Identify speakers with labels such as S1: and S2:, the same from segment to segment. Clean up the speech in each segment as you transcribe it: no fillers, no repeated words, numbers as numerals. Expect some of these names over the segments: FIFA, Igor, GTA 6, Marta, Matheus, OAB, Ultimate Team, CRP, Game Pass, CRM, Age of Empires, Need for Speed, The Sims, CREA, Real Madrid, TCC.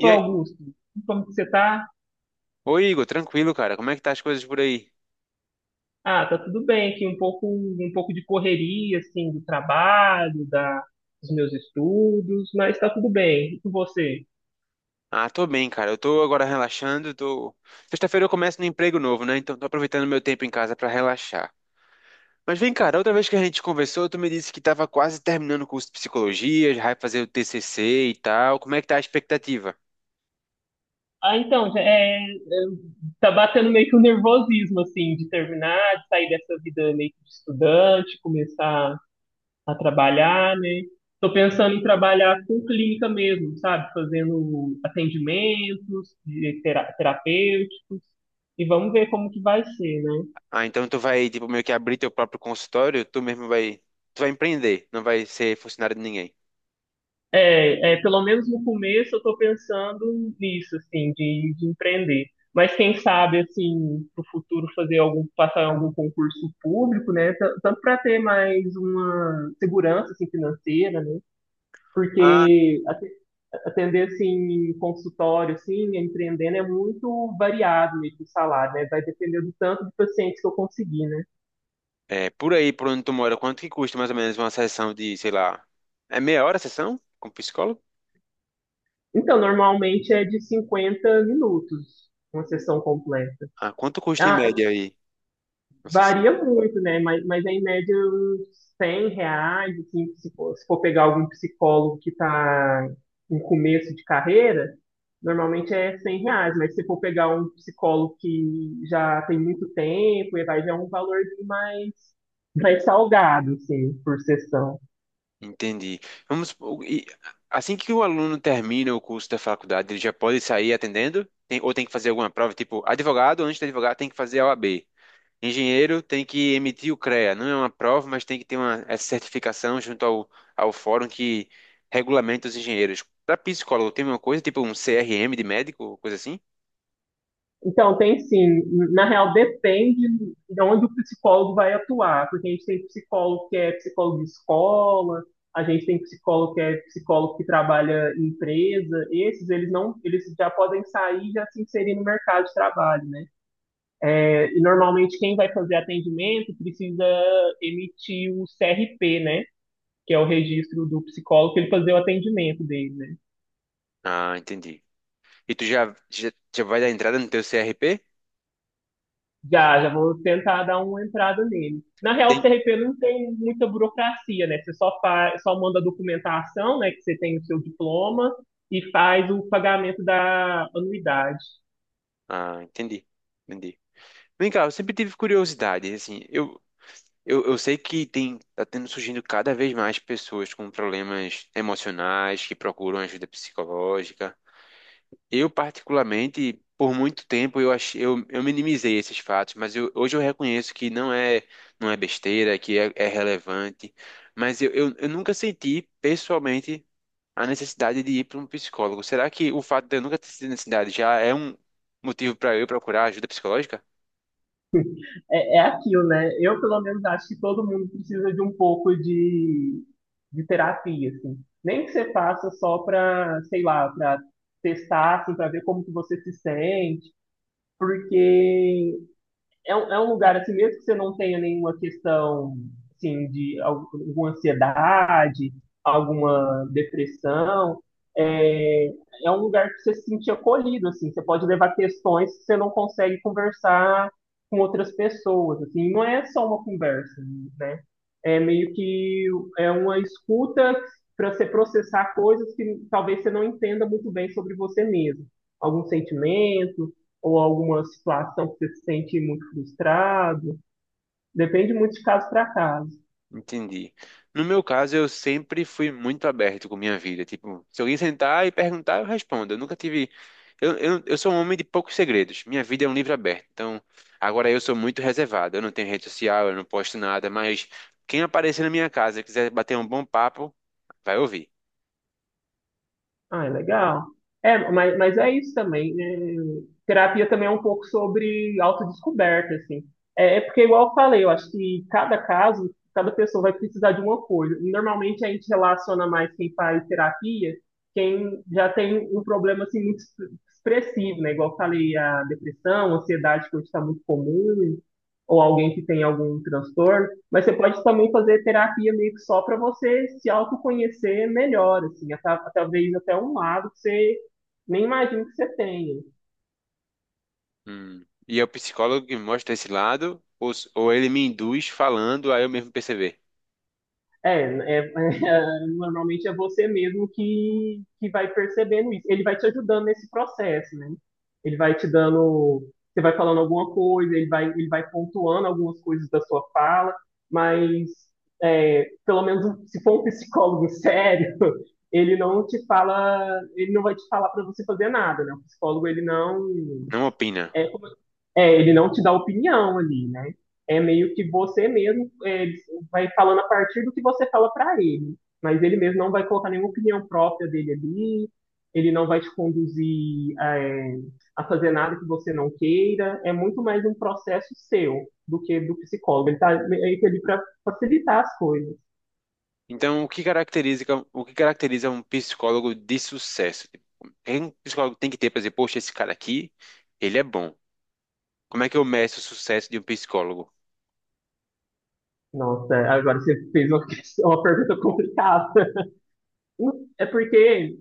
S1: E aí?
S2: Augusto, como que você tá?
S1: Oi, Igor, tranquilo, cara? Como é que tá as coisas por aí?
S2: Ah, tá tudo bem aqui, um pouco de correria, assim, do trabalho, da, dos meus estudos, mas tá tudo bem. E com você?
S1: Ah, tô bem, cara. Eu tô agora relaxando, tô... Sexta-feira eu começo no emprego novo, né? Então tô aproveitando meu tempo em casa pra relaxar. Mas vem, cara, outra vez que a gente conversou, tu me disse que tava quase terminando o curso de psicologia, já vai fazer o TCC e tal. Como é que tá a expectativa?
S2: Ah, então, já tá batendo meio que o nervosismo, assim, de terminar, de sair dessa vida meio que de estudante, começar a trabalhar, né? Tô pensando em trabalhar com clínica mesmo, sabe? Fazendo atendimentos de terapêuticos, e vamos ver como que vai ser, né?
S1: Ah, então tu vai, tipo, meio que abrir teu próprio consultório, tu mesmo vai... Tu vai empreender, não vai ser funcionário de ninguém.
S2: É, é, pelo menos no começo eu estou pensando nisso, assim, de empreender. Mas quem sabe, assim, para o futuro fazer algum, passar em algum concurso público, né? Tanto para ter mais uma segurança, assim, financeira, né?
S1: Ah,
S2: Porque atender, assim, consultório, assim, empreendendo é muito variado mesmo o salário, né? Vai depender do tanto de pacientes que eu conseguir, né?
S1: é, por aí, por onde tu mora, quanto que custa mais ou menos uma sessão de, sei lá... É meia hora a sessão? Com psicólogo?
S2: Então, normalmente é de 50 minutos uma sessão completa.
S1: Ah, quanto custa em
S2: Ah,
S1: média aí? Nossa, assim,
S2: varia muito, né? Mas é em média uns 100 reais, assim, se for, se for pegar algum psicólogo que está em começo de carreira, normalmente é 100 reais, mas se for pegar um psicólogo que já tem muito tempo, e vai já é um valor mais, mais salgado, assim, por sessão.
S1: entendi. Vamos, supor, e assim que o aluno termina o curso da faculdade, ele já pode sair atendendo? Ou tem que fazer alguma prova? Tipo, advogado, antes de advogado, tem que fazer a OAB. Engenheiro tem que emitir o CREA. Não é uma prova, mas tem que ter uma, essa certificação junto ao fórum que regulamenta os engenheiros. Para psicólogo, tem uma coisa, tipo um CRM de médico, coisa assim?
S2: Então, tem sim. Na real, depende de onde o psicólogo vai atuar, porque a gente tem psicólogo que é psicólogo de escola, a gente tem psicólogo que é psicólogo que trabalha em empresa. Esses, eles não, eles já podem sair e já se inserir no mercado de trabalho, né? É, e normalmente quem vai fazer atendimento precisa emitir o CRP, né? Que é o registro do psicólogo que ele fazer o atendimento dele, né?
S1: Ah, entendi. E tu já vai dar entrada no teu CRP?
S2: Já, já vou tentar dar uma entrada nele. Na real, o
S1: Tem.
S2: CRP não tem muita burocracia, né? Você só faz, só manda a documentação, né? Que você tem o seu diploma e faz o pagamento da anuidade.
S1: Ah, entendi. Entendi. Vem cá, eu sempre tive curiosidade, assim, eu sei que tem, tá tendo surgindo cada vez mais pessoas com problemas emocionais que procuram ajuda psicológica. Eu, particularmente, por muito tempo eu achei, eu minimizei esses fatos, mas eu, hoje eu reconheço que não é besteira, que é relevante, mas eu nunca senti, pessoalmente, a necessidade de ir para um psicólogo. Será que o fato de eu nunca ter sentido necessidade já é um motivo para eu procurar ajuda psicológica?
S2: É, é aquilo, né? Eu, pelo menos, acho que todo mundo precisa de um pouco de terapia, assim. Nem que você faça só para, sei lá, para testar, assim, para ver como que você se sente, porque é um lugar assim, mesmo que você não tenha nenhuma questão assim, de alguma ansiedade, alguma depressão, é é um lugar que você se sente acolhido, assim, você pode levar questões que você não consegue conversar com outras pessoas, assim, não é só uma conversa, né? É meio que é uma escuta para você processar coisas que talvez você não entenda muito bem sobre você mesmo, algum sentimento, ou alguma situação que você se sente muito frustrado. Depende muito de caso para caso.
S1: Entendi. No meu caso, eu sempre fui muito aberto com minha vida. Tipo, se alguém sentar e perguntar, eu respondo. Eu nunca tive. Eu sou um homem de poucos segredos. Minha vida é um livro aberto. Então, agora eu sou muito reservado. Eu não tenho rede social, eu não posto nada. Mas quem aparecer na minha casa e quiser bater um bom papo, vai ouvir.
S2: Ah, é legal. É, mas é isso também, né? Terapia também é um pouco sobre autodescoberta, assim. É, é porque, igual eu falei, eu acho que cada caso, cada pessoa vai precisar de uma coisa. Normalmente a gente relaciona mais quem faz terapia, quem já tem um problema, assim, muito expressivo, né? Igual eu falei, a depressão, a ansiedade que hoje está muito comum, ou alguém que tem algum transtorno. Mas você pode também fazer terapia meio que só para você se autoconhecer melhor, assim, até, talvez até um lado que você nem imagina que você tenha.
S1: Hum. E é o psicólogo que mostra esse lado, ou ele me induz falando a eu mesmo perceber.
S2: É, é- é, normalmente é você mesmo que vai percebendo isso. Ele vai te ajudando nesse processo, né? Ele vai te dando, você vai falando alguma coisa, ele vai pontuando algumas coisas da sua fala, mas é, pelo menos um, se for um psicólogo sério, ele não te fala, ele não vai te falar para você fazer nada, né? O psicólogo ele não
S1: Não opina.
S2: é, é, ele não te dá opinião ali, né? É meio que você mesmo é, vai falando a partir do que você fala pra ele. Mas ele mesmo não vai colocar nenhuma opinião própria dele ali, ele não vai te conduzir é, a fazer nada que você não queira. É muito mais um processo seu do que do psicólogo. Ele tá meio que ali pra facilitar as coisas.
S1: Então, o que caracteriza um psicólogo de sucesso? Tipo, o que um psicólogo tem que ter para dizer, poxa, esse cara aqui, ele é bom. Como é que eu meço o sucesso de um psicólogo?
S2: Nossa, agora você fez uma, uma pergunta complicada. É porque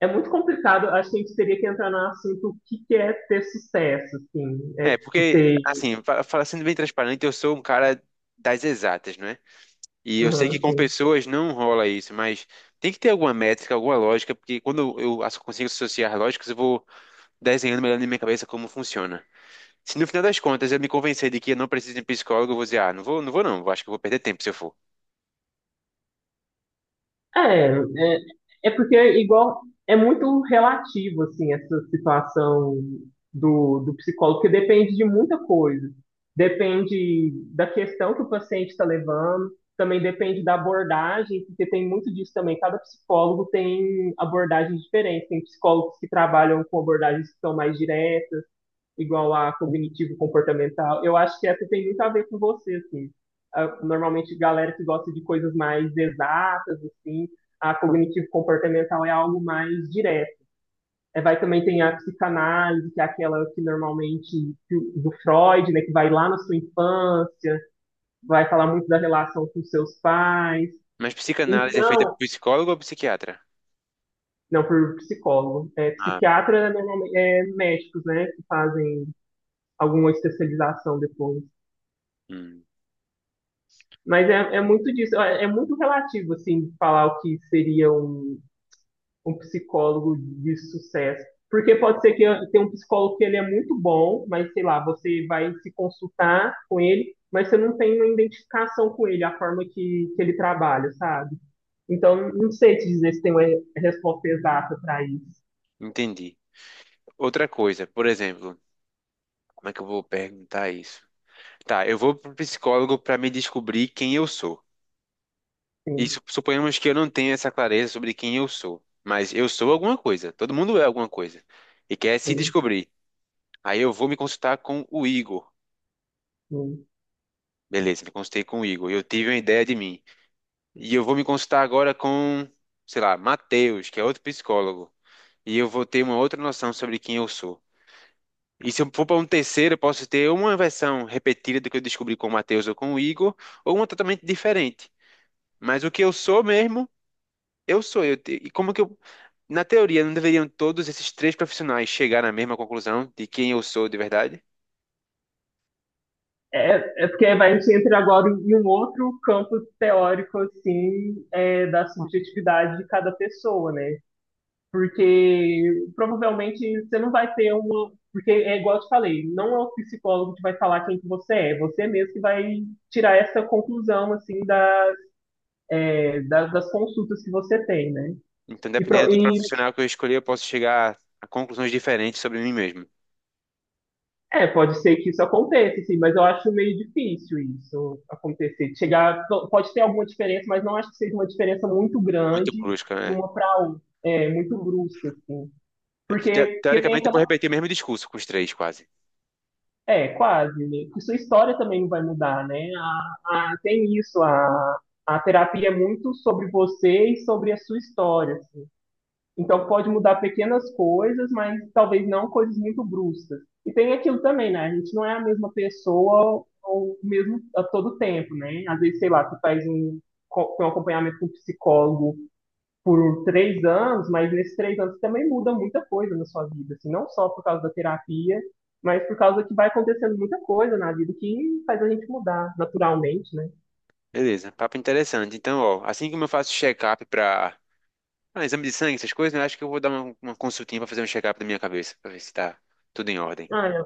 S2: é muito complicado, acho que a gente teria que entrar no assunto o que que é ter sucesso, assim, é
S1: É,
S2: tipo
S1: porque,
S2: ter,
S1: assim, sendo bem transparente, eu sou um cara das exatas, não é? E eu sei que
S2: aham,
S1: com
S2: sim.
S1: pessoas não rola isso, mas tem que ter alguma métrica, alguma lógica, porque quando eu consigo associar lógicas, eu vou desenhando melhor na minha cabeça como funciona. Se no final das contas eu me convencer de que eu não preciso de um psicólogo, eu vou dizer, ah, não vou, não vou não, acho que eu vou perder tempo se eu for.
S2: É, é, é porque é igual é muito relativo assim essa situação do psicólogo, porque depende de muita coisa. Depende da questão que o paciente está levando, também depende da abordagem, porque tem muito disso também. Cada psicólogo tem abordagens diferentes. Tem psicólogos que trabalham com abordagens que são mais diretas, igual a cognitivo comportamental. Eu acho que essa tem muito a ver com você, assim. Ah, normalmente, galera que gosta de coisas mais exatas, assim, a cognitivo comportamental é algo mais direto. É, vai também tem a psicanálise, que é aquela que normalmente que do Freud, né, que vai lá na sua infância, vai falar muito da relação com seus pais.
S1: Mas psicanálise é feita por
S2: Então,
S1: psicólogo ou psiquiatra?
S2: não por psicólogo, é
S1: Ah,
S2: psiquiatra normalmente é médicos, né, que fazem alguma especialização depois.
S1: hum,
S2: Mas é, é muito disso, é muito relativo, assim, falar o que seria um, um psicólogo de sucesso. Porque pode ser que tenha um psicólogo que ele é muito bom, mas sei lá, você vai se consultar com ele, mas você não tem uma identificação com ele, a forma que ele trabalha, sabe? Então, não sei te dizer se tem uma resposta exata para isso.
S1: entendi. Outra coisa, por exemplo, como é que eu vou perguntar isso? Tá, eu vou pro psicólogo para me descobrir quem eu sou. E
S2: Sim,
S1: suponhamos que eu não tenha essa clareza sobre quem eu sou, mas eu sou alguma coisa. Todo mundo é alguma coisa e quer se
S2: sim,
S1: descobrir. Aí eu vou me consultar com o Igor.
S2: sim.
S1: Beleza, me consultei com o Igor. Eu tive uma ideia de mim. E eu vou me consultar agora com, sei lá, Matheus, que é outro psicólogo. E eu vou ter uma outra noção sobre quem eu sou. E se eu for para um terceiro, eu posso ter uma versão repetida do que eu descobri com o Matheus ou com o Igor, ou uma totalmente diferente. Mas o que eu sou mesmo, eu sou. E como que eu. Na teoria, não deveriam todos esses três profissionais chegar na mesma conclusão de quem eu sou de verdade?
S2: É, é porque vai, a gente entra agora em um outro campo teórico, assim, é, da subjetividade de cada pessoa, né? Porque provavelmente você não vai ter uma. Porque é igual eu te falei, não é o psicólogo que vai falar quem que você é, você mesmo que vai tirar essa conclusão, assim, da, é, das consultas que você tem, né?
S1: Então,
S2: E,
S1: dependendo
S2: pro-
S1: do
S2: e
S1: profissional que eu escolher, eu posso chegar a conclusões diferentes sobre mim mesmo.
S2: é, pode ser que isso aconteça, sim, mas eu acho meio difícil isso acontecer. Chegar, pode ter alguma diferença, mas não acho que seja uma diferença muito
S1: Muito
S2: grande
S1: brusca,
S2: de
S1: né?
S2: uma para outra, é, muito brusca, assim.
S1: É porque, te-
S2: Porque tem
S1: teoricamente, eu vou
S2: aquela.
S1: repetir o mesmo discurso com os três, quase.
S2: É, quase, né? Porque sua história também não vai mudar, né? Tem isso, a terapia é muito sobre você e sobre a sua história, assim. Então pode mudar pequenas coisas, mas talvez não coisas muito bruscas. E tem aquilo também, né? A gente não é a mesma pessoa ou mesmo a todo tempo, né? Às vezes, sei lá, tu faz um, um acompanhamento com um psicólogo por um, 3 anos, mas nesses 3 anos também muda muita coisa na sua vida, assim, não só por causa da terapia, mas por causa que vai acontecendo muita coisa na vida que faz a gente mudar naturalmente, né?
S1: Beleza, papo interessante. Então, ó, assim como eu faço check-up para, ah, exame de sangue, essas coisas, né? Acho que eu vou dar uma consultinha pra fazer um check-up da minha cabeça, pra ver se tá tudo em ordem.
S2: Ah, é,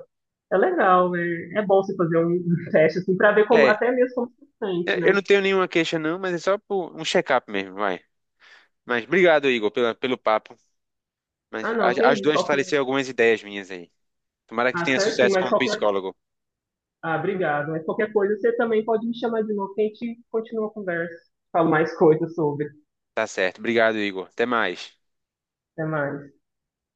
S2: é legal, é, é bom você fazer um um teste assim para ver como
S1: É,
S2: até mesmo como você se sente,
S1: é, eu
S2: né?
S1: não tenho nenhuma queixa não, mas é só por um check-up mesmo, vai. Mas obrigado, Igor, pela, pelo papo. Mas
S2: Ah, não, que
S1: a-
S2: isso.
S1: ajudou a
S2: Qualquer...
S1: esclarecer algumas ideias minhas aí. Tomara que tu
S2: Ah,
S1: tenha
S2: certinho,
S1: sucesso
S2: mas
S1: como
S2: qualquer.
S1: psicólogo.
S2: Ah, obrigado. Mas qualquer coisa você também pode me chamar de novo que a gente continua a conversa. Falo mais coisas sobre.
S1: Tá certo. Obrigado, Igor. Até mais.
S2: Até mais.